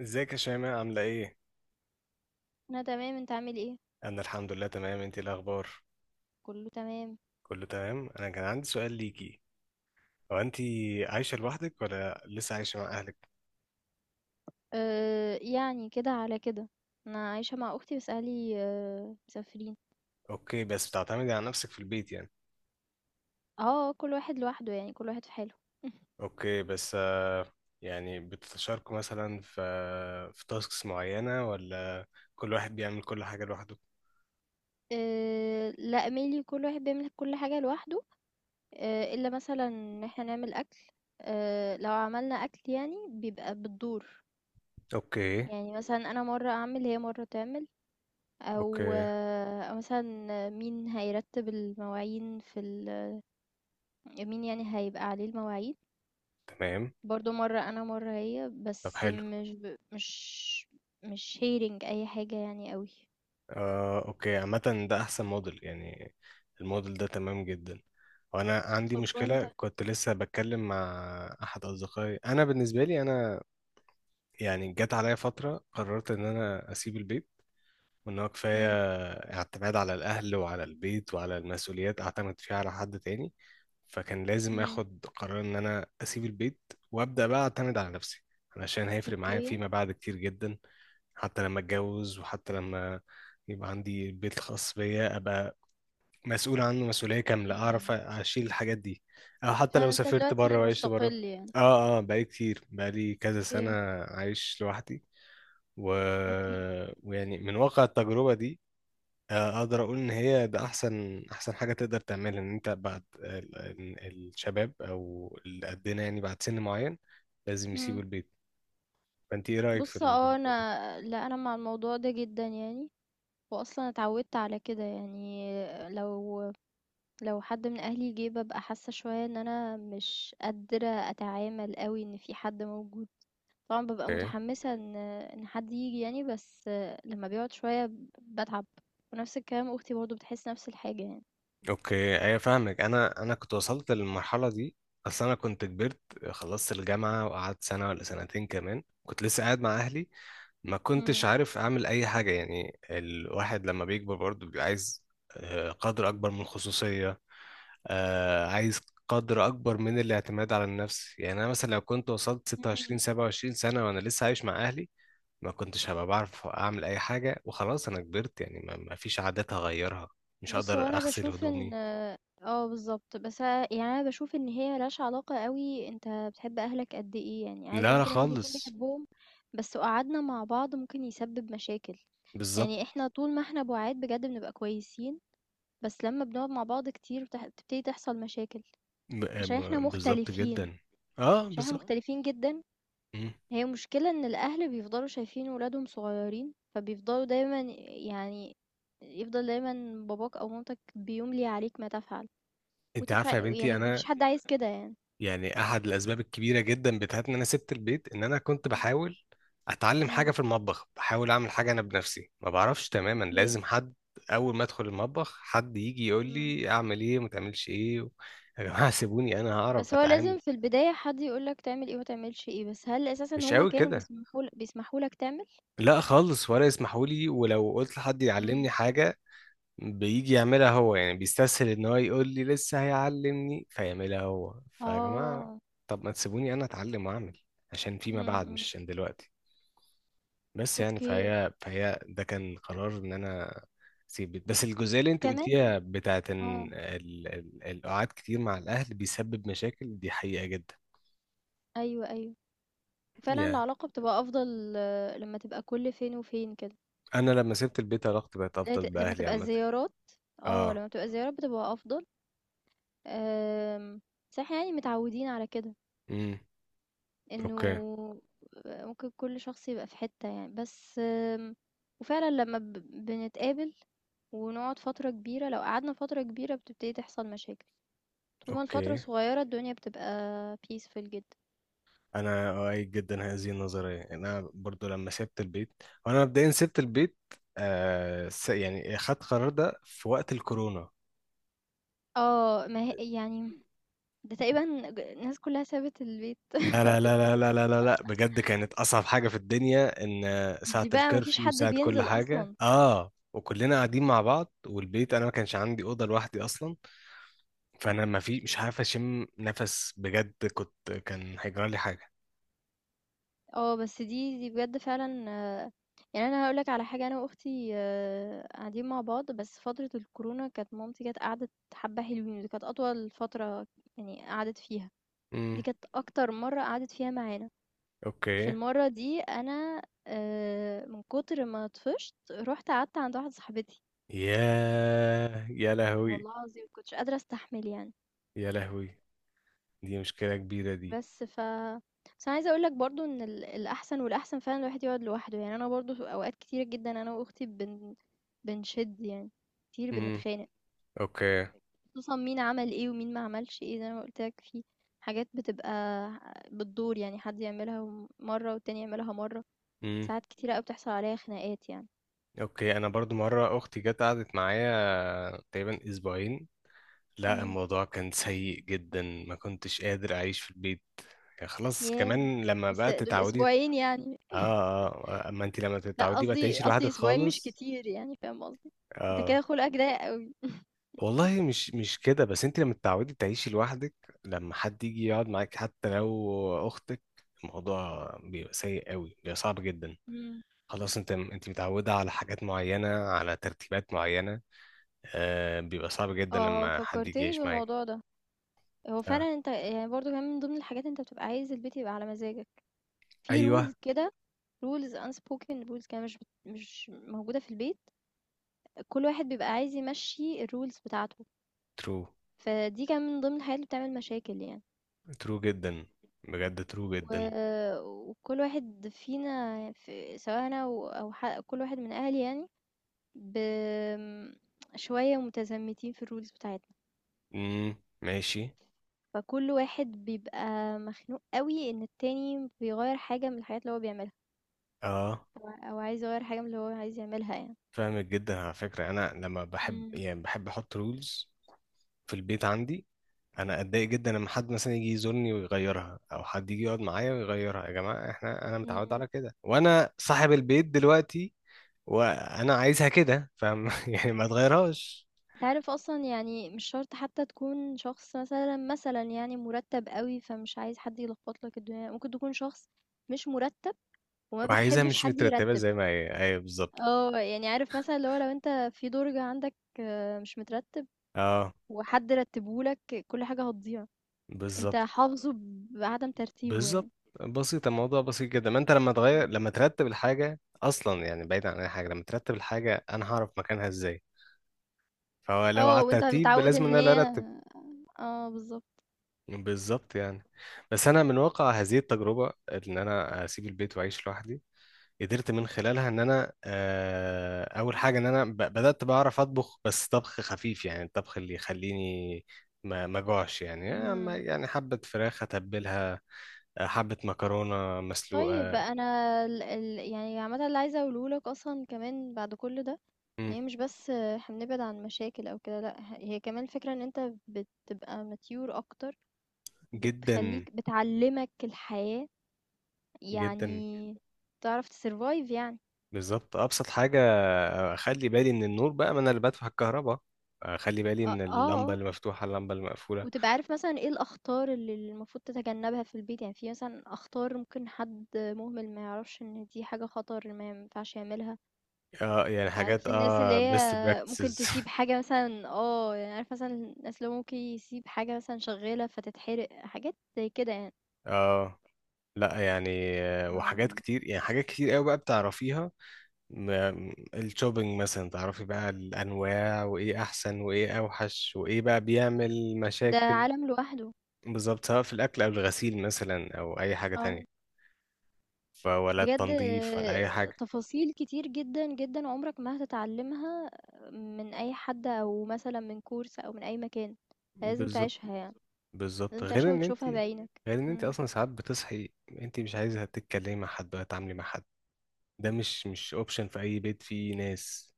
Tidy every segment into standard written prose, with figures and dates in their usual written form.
ازيك يا شيماء عاملة ايه؟ أنا تمام. أنت عامل إيه؟ أنا الحمد لله تمام. انتي إيه الأخبار؟ كله تمام. كله تمام. أنا كان عندي سؤال ليكي، هو انتي بس عايشة لوحدك ولا لسه عايشة مع أهلك؟ يعني كده على كده. أنا عايشة مع أختي بس أهلي مسافرين. اوكي، بس بتعتمدي على نفسك في البيت يعني؟ اه كل واحد لوحده، يعني كل واحد في حاله. اوكي، بس يعني بتتشاركوا مثلا في في تاسكس معينة ولا كل واحد بيعمل كل حاجة لوحده؟ لا ميلي، كل واحد بيعمل كل حاجة لوحده. إلا مثلا إن احنا نعمل أكل. لو عملنا أكل يعني بيبقى بالدور. اوكي. يعني مثلا أنا مرة أعمل هي مرة تعمل، أو اوكي. أو مثلا مين هيرتب المواعين في ال، مين يعني هيبقى عليه المواعين. تمام. برضو مرة انا مرة هي، طب بس حلو. مش هيرنج اي حاجة يعني قوي. اوكي، عامة ده احسن موديل يعني، الموديل ده تمام جدا. وانا عندي طب وانت؟ مشكلة، كنت لسه بتكلم مع احد اصدقائي. انا بالنسبة لي انا يعني جت عليا فترة قررت ان انا اسيب البيت، وان هو كفايه مم. اعتماد على الاهل وعلى البيت وعلى المسؤوليات اعتمد فيها على حد تاني. فكان لازم امم اخد قرار ان انا اسيب البيت، وابدا بقى اعتمد على نفسي، علشان هيفرق معايا اوكي. فيما بعد كتير جدا. حتى لما اتجوز، وحتى لما يبقى عندي البيت الخاص بيا، ابقى مسؤول عنه مسؤوليه كامله، اعرف مم. اشيل الحاجات دي، او حتى لو فانت سافرت دلوقتي بره وعشت مستقل بره. يعني؟ اه، بقالي كتير، بقالي كذا سنه اوكي. عايش لوحدي و... اوكي. ويعني من واقع التجربه دي اقدر اقول ان هي ده احسن احسن حاجه تقدر تعملها، ان انت بعد الشباب او اللي قدنا يعني بعد سن معين لازم يسيبوا مم. البيت. فانت ايه رايك في بص، اه، الموضوع ده؟ انا لا انا مع الموضوع ده جدا يعني، واصلا اتعودت على كده يعني. لو لو حد من اهلي جه ببقى حاسة شوية ان انا مش قادرة اتعامل قوي ان في حد موجود. طبعًا بابقى اوكي. متحمسة إن حد ييجي يعني، بس لمّا بيقعد شوية باتعب، ونفس الكلام أختي برضه بتحس نفس الحاجة يعني. اوكي، ايوه، فاهمك. انا كنت وصلت للمرحله دي. اصل انا كنت كبرت، خلصت الجامعه وقعدت سنه ولا سنتين كمان كنت لسه قاعد مع اهلي، ما إمم. كنتش عارف اعمل اي حاجه. يعني الواحد لما بيكبر برضه بيبقى عايز قدر اكبر من الخصوصيه، آه عايز قدر اكبر من الاعتماد على النفس. يعني انا مثلا لو كنت وصلت 26 إمم. 27 سنه وانا لسه عايش مع اهلي، ما كنتش هبقى بعرف اعمل اي حاجه، وخلاص انا كبرت يعني، ما فيش عادات هغيرها، مش بُص، هو هقدر أنا اغسل باشوف إن هدومي. بالضبط، بس أنا يعني أنا باشوف إن هي ما لهاش علاقة أوي. أنت بتحب أهلك قد إيه يعني، عادي لا لا ممكن الواحد يكون خالص. بيحبهم، بس لو قعدنا مع بعض ممكن يسبب مشاكل. بالظبط يعني إحنا طول ما إحنا بُعاد بجد بنبقى كويسين، بس لمّا بنقعد مع بعض كتير بتبتدي تحصل مشاكل، عشان إحنا بالظبط مختلفين، جدا. اه، عشان إحنا بالظبط. مختلفين جدًا. مم. هي المشكلة إن الأهل بيفضلوا شايفين ولادهم صغيرين فبيفضلوا دايما، يعني، يفضل دايما باباك أو مامتك بيملي عليك ما تفعل، انت وانت مش عارفه يا عاي... بنتي يعني مفيش انا حد عايز كده يعني. يعني احد الاسباب الكبيره جدا بتاعت ان انا سبت البيت، ان انا كنت مم. بحاول اتعلم حاجه مم. في المطبخ، بحاول اعمل حاجه انا بنفسي، ما بعرفش تماما، اوكي. لازم حد اول ما ادخل المطبخ حد يجي يقول مم. لي اعمل ايه وما تعملش ايه يا جماعه سيبوني انا هعرف بس هو اتعامل. لازم في البداية حد يقولك تعمل ايه ومتعملش ايه، بس هل أساسا مش هما قوي كانوا كده، بيسمحوا لك تعمل؟ لا خالص، ولا يسمحوا لي. ولو قلت لحد مم. يعلمني حاجه بيجي يعملها هو، يعني بيستسهل ان هو يقول لي لسه هيعلمني فيعملها هو. فيا جماعه اه. طب ما تسيبوني انا اتعلم واعمل، عشان فيما مم. بعد مش مم. عشان دلوقتي. بس يعني اوكي. فهي ده كان قرار ان انا اسيب بيت. بس الجزئيه اللي انت وكمان، قلتيها بتاعت ان اه، القعاد كتير مع الاهل بيسبب مشاكل، دي حقيقه جدا. ايوه، فعلا يعني العلاقة بتبقى أفضل، آه، لما تبقى كل فين وفين كده. انا لما سبت البيت علاقتي بقت لا افضل ت لمّا باهلي تبقى عامه. الزيارات، آه، اه. لمّا بتبقى الزيارات بتبقى أفضل. آمم، بس إحنا يعني متعودين على كده، امم. إنه، اوكي. آه، ممكن كل شخص يبقى في حتة يعني، بس آمم، وفعلًا لمّا ب بنتقابل ونقعد فترة كبيرة، لو قعدنا فترة كبيرة بتبتدي تحصل مشاكل، طول ما الفترة اوكي، صغيرة الدنيا بتبقى peaceful جدًا. انا اؤيد جدا هذه النظريه. انا برضو لما سبت البيت، وانا مبدئيا سبت البيت يعني خدت قرار ده في وقت الكورونا. آه، ما هي يعني ده تقريبًا الناس كلها سابت البيت لا لا وقت لا لا الكورونا، لا لا لا لا، بجد كانت أصعب حاجة في الدنيا، إن ساعة دي بقى ما فيش الكرفيو حد وساعة كل بينزل حاجة، أصلًا. آه، وكلنا قاعدين مع بعض، والبيت أنا ما كانش عندي أوضة لوحدي أصلا. فأنا إمم. ما في مش عارف أشم نفس، بجد كنت كان هيجرى لي حاجة. آه، بس دي بجد فعلًا، يعني أنا هاقول لك على حاجة، أنا وأختي، قاعدين مع بعض، بس فترة الكورونا كانت مامتي جات قعدت حبّة حلوين، دي كانت أطول فترة يعني قعدت فيها، دي امم. كانت أكتر مرّة قعدت فيها معانا. في أوكي. المرّة دي أنا، من كتر ما طفشت، رُحت قعدت عند واحدة صاحبتي، ياه يا لهوي. والله العظيم ما كنتش قادرة أستحمل يعني. يا لهوي، دي مشكلة كبيرة دي. بس ف بس أنا عايزة أقول لك برضه إن الأحسن والأحسن فعلًا الواحد يقعد لوحده، يعني أنا برضه في أوقات كتيرة جدًا أنا وأختي بنشِد يعني، كتير امم. بنتخانق، أوكي. خصوصًا مين عمل إيه ومين ما عملش إيه، زي ما قُلت لك في حاجات بتبقى بالدور، يعني حد يعملها مرّة والتاني يعملها مرّة، امم. ساعات كتيرة أوي بتحصل عليّا خناقات يعني. أوكي. أنا برضو مرة أختي جت قعدت معايا تقريبا أسبوعين، لا إمم، الموضوع كان سيء جدا، ما كنتش قادر اعيش في البيت. يعني خلاص ياه! كمان لما بس بقى دول تتعودي. أسبوعين يعني، اه. اه، اما انت لما لأ تتعودي بقى قصدي تعيشي لوحدك قصدي أسبوعين مش خالص. كتير يعني، فاهم قصدي؟ أنت اه. كده خُلقك ضيّق أوي. والله مش مش كده. بس انت لما تتعودي تعيشي لوحدك، لما حد يجي يقعد معاك حتى لو اختك، الموضوع بيبقى سيء قوي، بيبقى صعب جدا. إمم، خلاص انت، انت متعودة على حاجات معينة، على ترتيبات معينة، آه، بيبقى صعب جدا آه، لما حد يجي فكّرتني يعيش معاك. بالموضوع ده. هو آه. فعلًا أنت يعني برضه كمان من ضمن الحاجات أنت بتبقى عايز البيت يبقى على مزاجك، في ايوه. rules كده، unspoken rules كده مش موجودة في البيت، كل واحد بيبقى عايز يمشّي الrules بتاعته، ترو. فدي كمان من ضمن الحاجات اللي بتعمل مشاكل يعني. ترو جدا، بجد ترو جدا. و وكل واحد فينا سواء أنا و أو ح كل واحد من أهلي يعني، آمم، شوية متزمتين في الrules بتاعتنا، امم. ماشي. فكل واحد بيبقى مخنوق أوي إن التاني بيغيّر حاجة من الحاجات اللي هو بيعملها. اه، أو عايز يغيّر حاجة من اللي هو عايز يعملها يعني. فاهمك جدا. على فكرة انا لما بحب، إمم، يعني بحب احط رولز في البيت عندي. انا اتضايق جدا لما حد مثلا يجي يزورني ويغيرها، او حد يجي يقعد معايا ويغيرها. يا جماعة احنا، انا متعود إمم. على كده، وانا صاحب البيت دلوقتي، وانا عايزها كده فاهم يعني ما تغيرهاش. أنت عارف أصلًا يعني مش شرط حتى تكون شخص مثلًا يعني مُرتّب أوي، فمش عايز حد يلخبط لك الدنيا، ممكن تكون شخص مش مُرتّب وما وعايزها بتحبش مش حد مترتبة يرتّب. زي ما هي، ايوه بالظبط. آه، يعني عارف مثلًا اللي هو لو أنت في درج عندك، آه، مش مترتّب اه، وحد رتّبه لك، كل حاجة هتضيع، أنت بالظبط. حافظه بعدم ترتيبه بالظبط. يعني. بسيط الموضوع، بسيط جدا. ما انت لما تغير، إمم. لما ترتب الحاجه اصلا، يعني بعيد عن اي حاجه، لما ترتب الحاجه انا هعرف مكانها ازاي؟ فهو لو على آه، وأنت الترتيب متعوّد لازم ان إن انا اللي هي، ارتب. آه بالضبط. بالظبط يعني. بس انا من واقع هذه التجربه ان انا اسيب البيت واعيش لوحدي، قدرت من خلالها ان انا اول حاجه ان انا بدات بعرف اطبخ، بس طبخ خفيف يعني، الطبخ اللي يخليني ما جوعش يعني. إمم. يعني حبه فراخ اتبلها، حبه مكرونه طيب مسلوقه. أنا ال ال يعني عامةً اللي عايزة أقوله لك أصلًا كمان بعد كل ده، إن هي مش بس إحنا بنبعد عن مشاكل أو كده، لأ، هي كمان الفكرة إن أنت بتبقى mature أكتر. إمم. جدا. بتخلّيك بتعلّمك الحياة، جدًا. جدا. يعني تعرف تsurvive يعني. بالظبط. ابسط حاجه اخلي بالي من النور بقى، ما انا اللي بدفع الكهرباء، اخلي بالي آه، إمم. من آه، اللمبه آه، اللي مفتوحه، اللمبه اللي مقفوله. وتبقى عارف مثلًا إيه الأخطار اللي المفروض تتجنبها في البيت، يعني في مثلًا أخطار ممكن حد مهمل ما يعرفش إن دي حاجة خطر، ما ينفعش يعملها. اه يعني حاجات، عارف الناس اللي اه هي best ممكن practices. تسيب حاجة مثلا، يعني عارف مثلا الناس اللي هو ممكن يسيب حاجة مثلا شغالة فتتحرق حاجات زي كده يعني. اه. لا يعني آه. وحاجات كتير يعني، حاجات كتير قوي بقى بتعرفيها. الشوبينج مثلا تعرفي بقى الانواع، وايه احسن وايه اوحش وايه بقى بيعمل ده مشاكل. عالم لوحده. بالظبط، سواء في الاكل او الغسيل مثلا او اي حاجه اه تانية، فولا بجد. التنظيف ولا اي مم. حاجه. تفاصيل كتير جدا جدا عمرك ما هتتعلمها من اي حد او مثلا من كورس او من اي مكان، لازم بالظبط. تعيشها يعني بالظبط. بالظبط. لازم تعيشها غير بالظبط ان انت، وتشوفها كده بعينك. غير ان انت مم. اصلا ساعات بتصحي انت مش عايزه تتكلمي مع حد، ولا تتعاملي مع حد، ده مش مش اوبشن في اي بيت فيه ناس.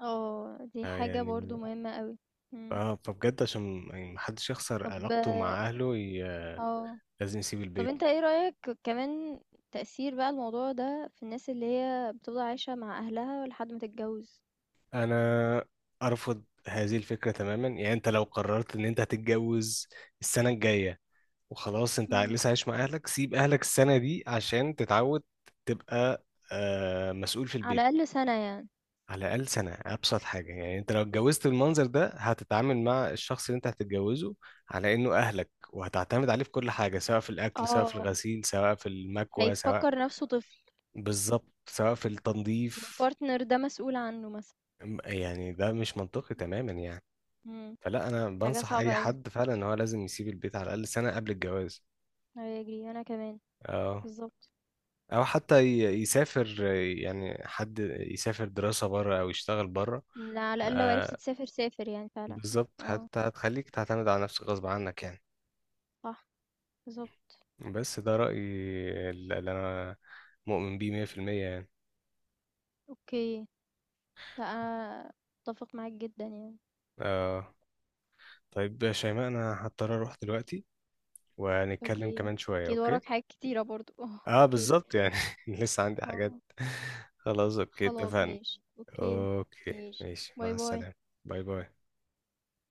اه دي آه حاجة برضو يعني، مهمة قوي. مم. اه، فبجد عشان يعني محدش يخسر طب علاقته مع اهله اه لازم يسيب طب انت البيت. ايه رأيك كمان، تأثير بقى الموضوع ده في الناس اللي هي بتفضل عايشة مع أهلها لحد ما تتجوز؟ انا ارفض هذه الفكره تماما. يعني انت لو قررت ان انت هتتجوز السنه الجايه، وخلاص انت مم. لسه عايش مع اهلك، سيب اهلك السنه دي عشان تتعود، تبقى آه مسؤول في على البيت. الأقل سنة يعني. على الأقل سنة، أبسط حاجة يعني. أنت لو اتجوزت بالمنظر ده، هتتعامل مع الشخص اللي أنت هتتجوزه على إنه أهلك، وهتعتمد عليه في كل حاجة، سواء في الأكل، سواء في اه، الغسيل، سواء في المكوى، سواء هيفكر نفسه طفل، بالظبط سواء في التنظيف. والبارتنر ده مسؤول عنه مثلا. يعني ده مش منطقي تماما يعني. مم. فلا، أنا حاجة بنصح أي صعبة أوي. حد فعلا إن هو لازم يسيب البيت على الأقل سنة قبل الجواز. أيوة يجري أنا كمان. أه، بالظبط. أو حتى يسافر، يعني حد يسافر دراسة بره أو يشتغل بره. لا، على الأقل لو عرفت تسافر سافر يعني فعلا. بالظبط، اه. حتى هتخليك تعتمد على نفسك غصب عنك يعني. صح. بالظبط. بس ده رأيي اللي أنا مؤمن بيه 100% يعني. اوكي. لا أنا أتفق معاك جدا يعني. آه. طيب يا شيماء أنا هضطر أروح دلوقتي، وهنتكلم اوكي. كمان شوية، أكيد أوكي؟ وراك حاجات كتيرة برضو اه. آه اوكي. بالظبط يعني. لسه عندي اه. حاجات. خلاص أوكي، خلاص اتفقنا. ماشي أوكي. أوكي. ماشي. ماشي باي مع باي. السلامة. باي باي.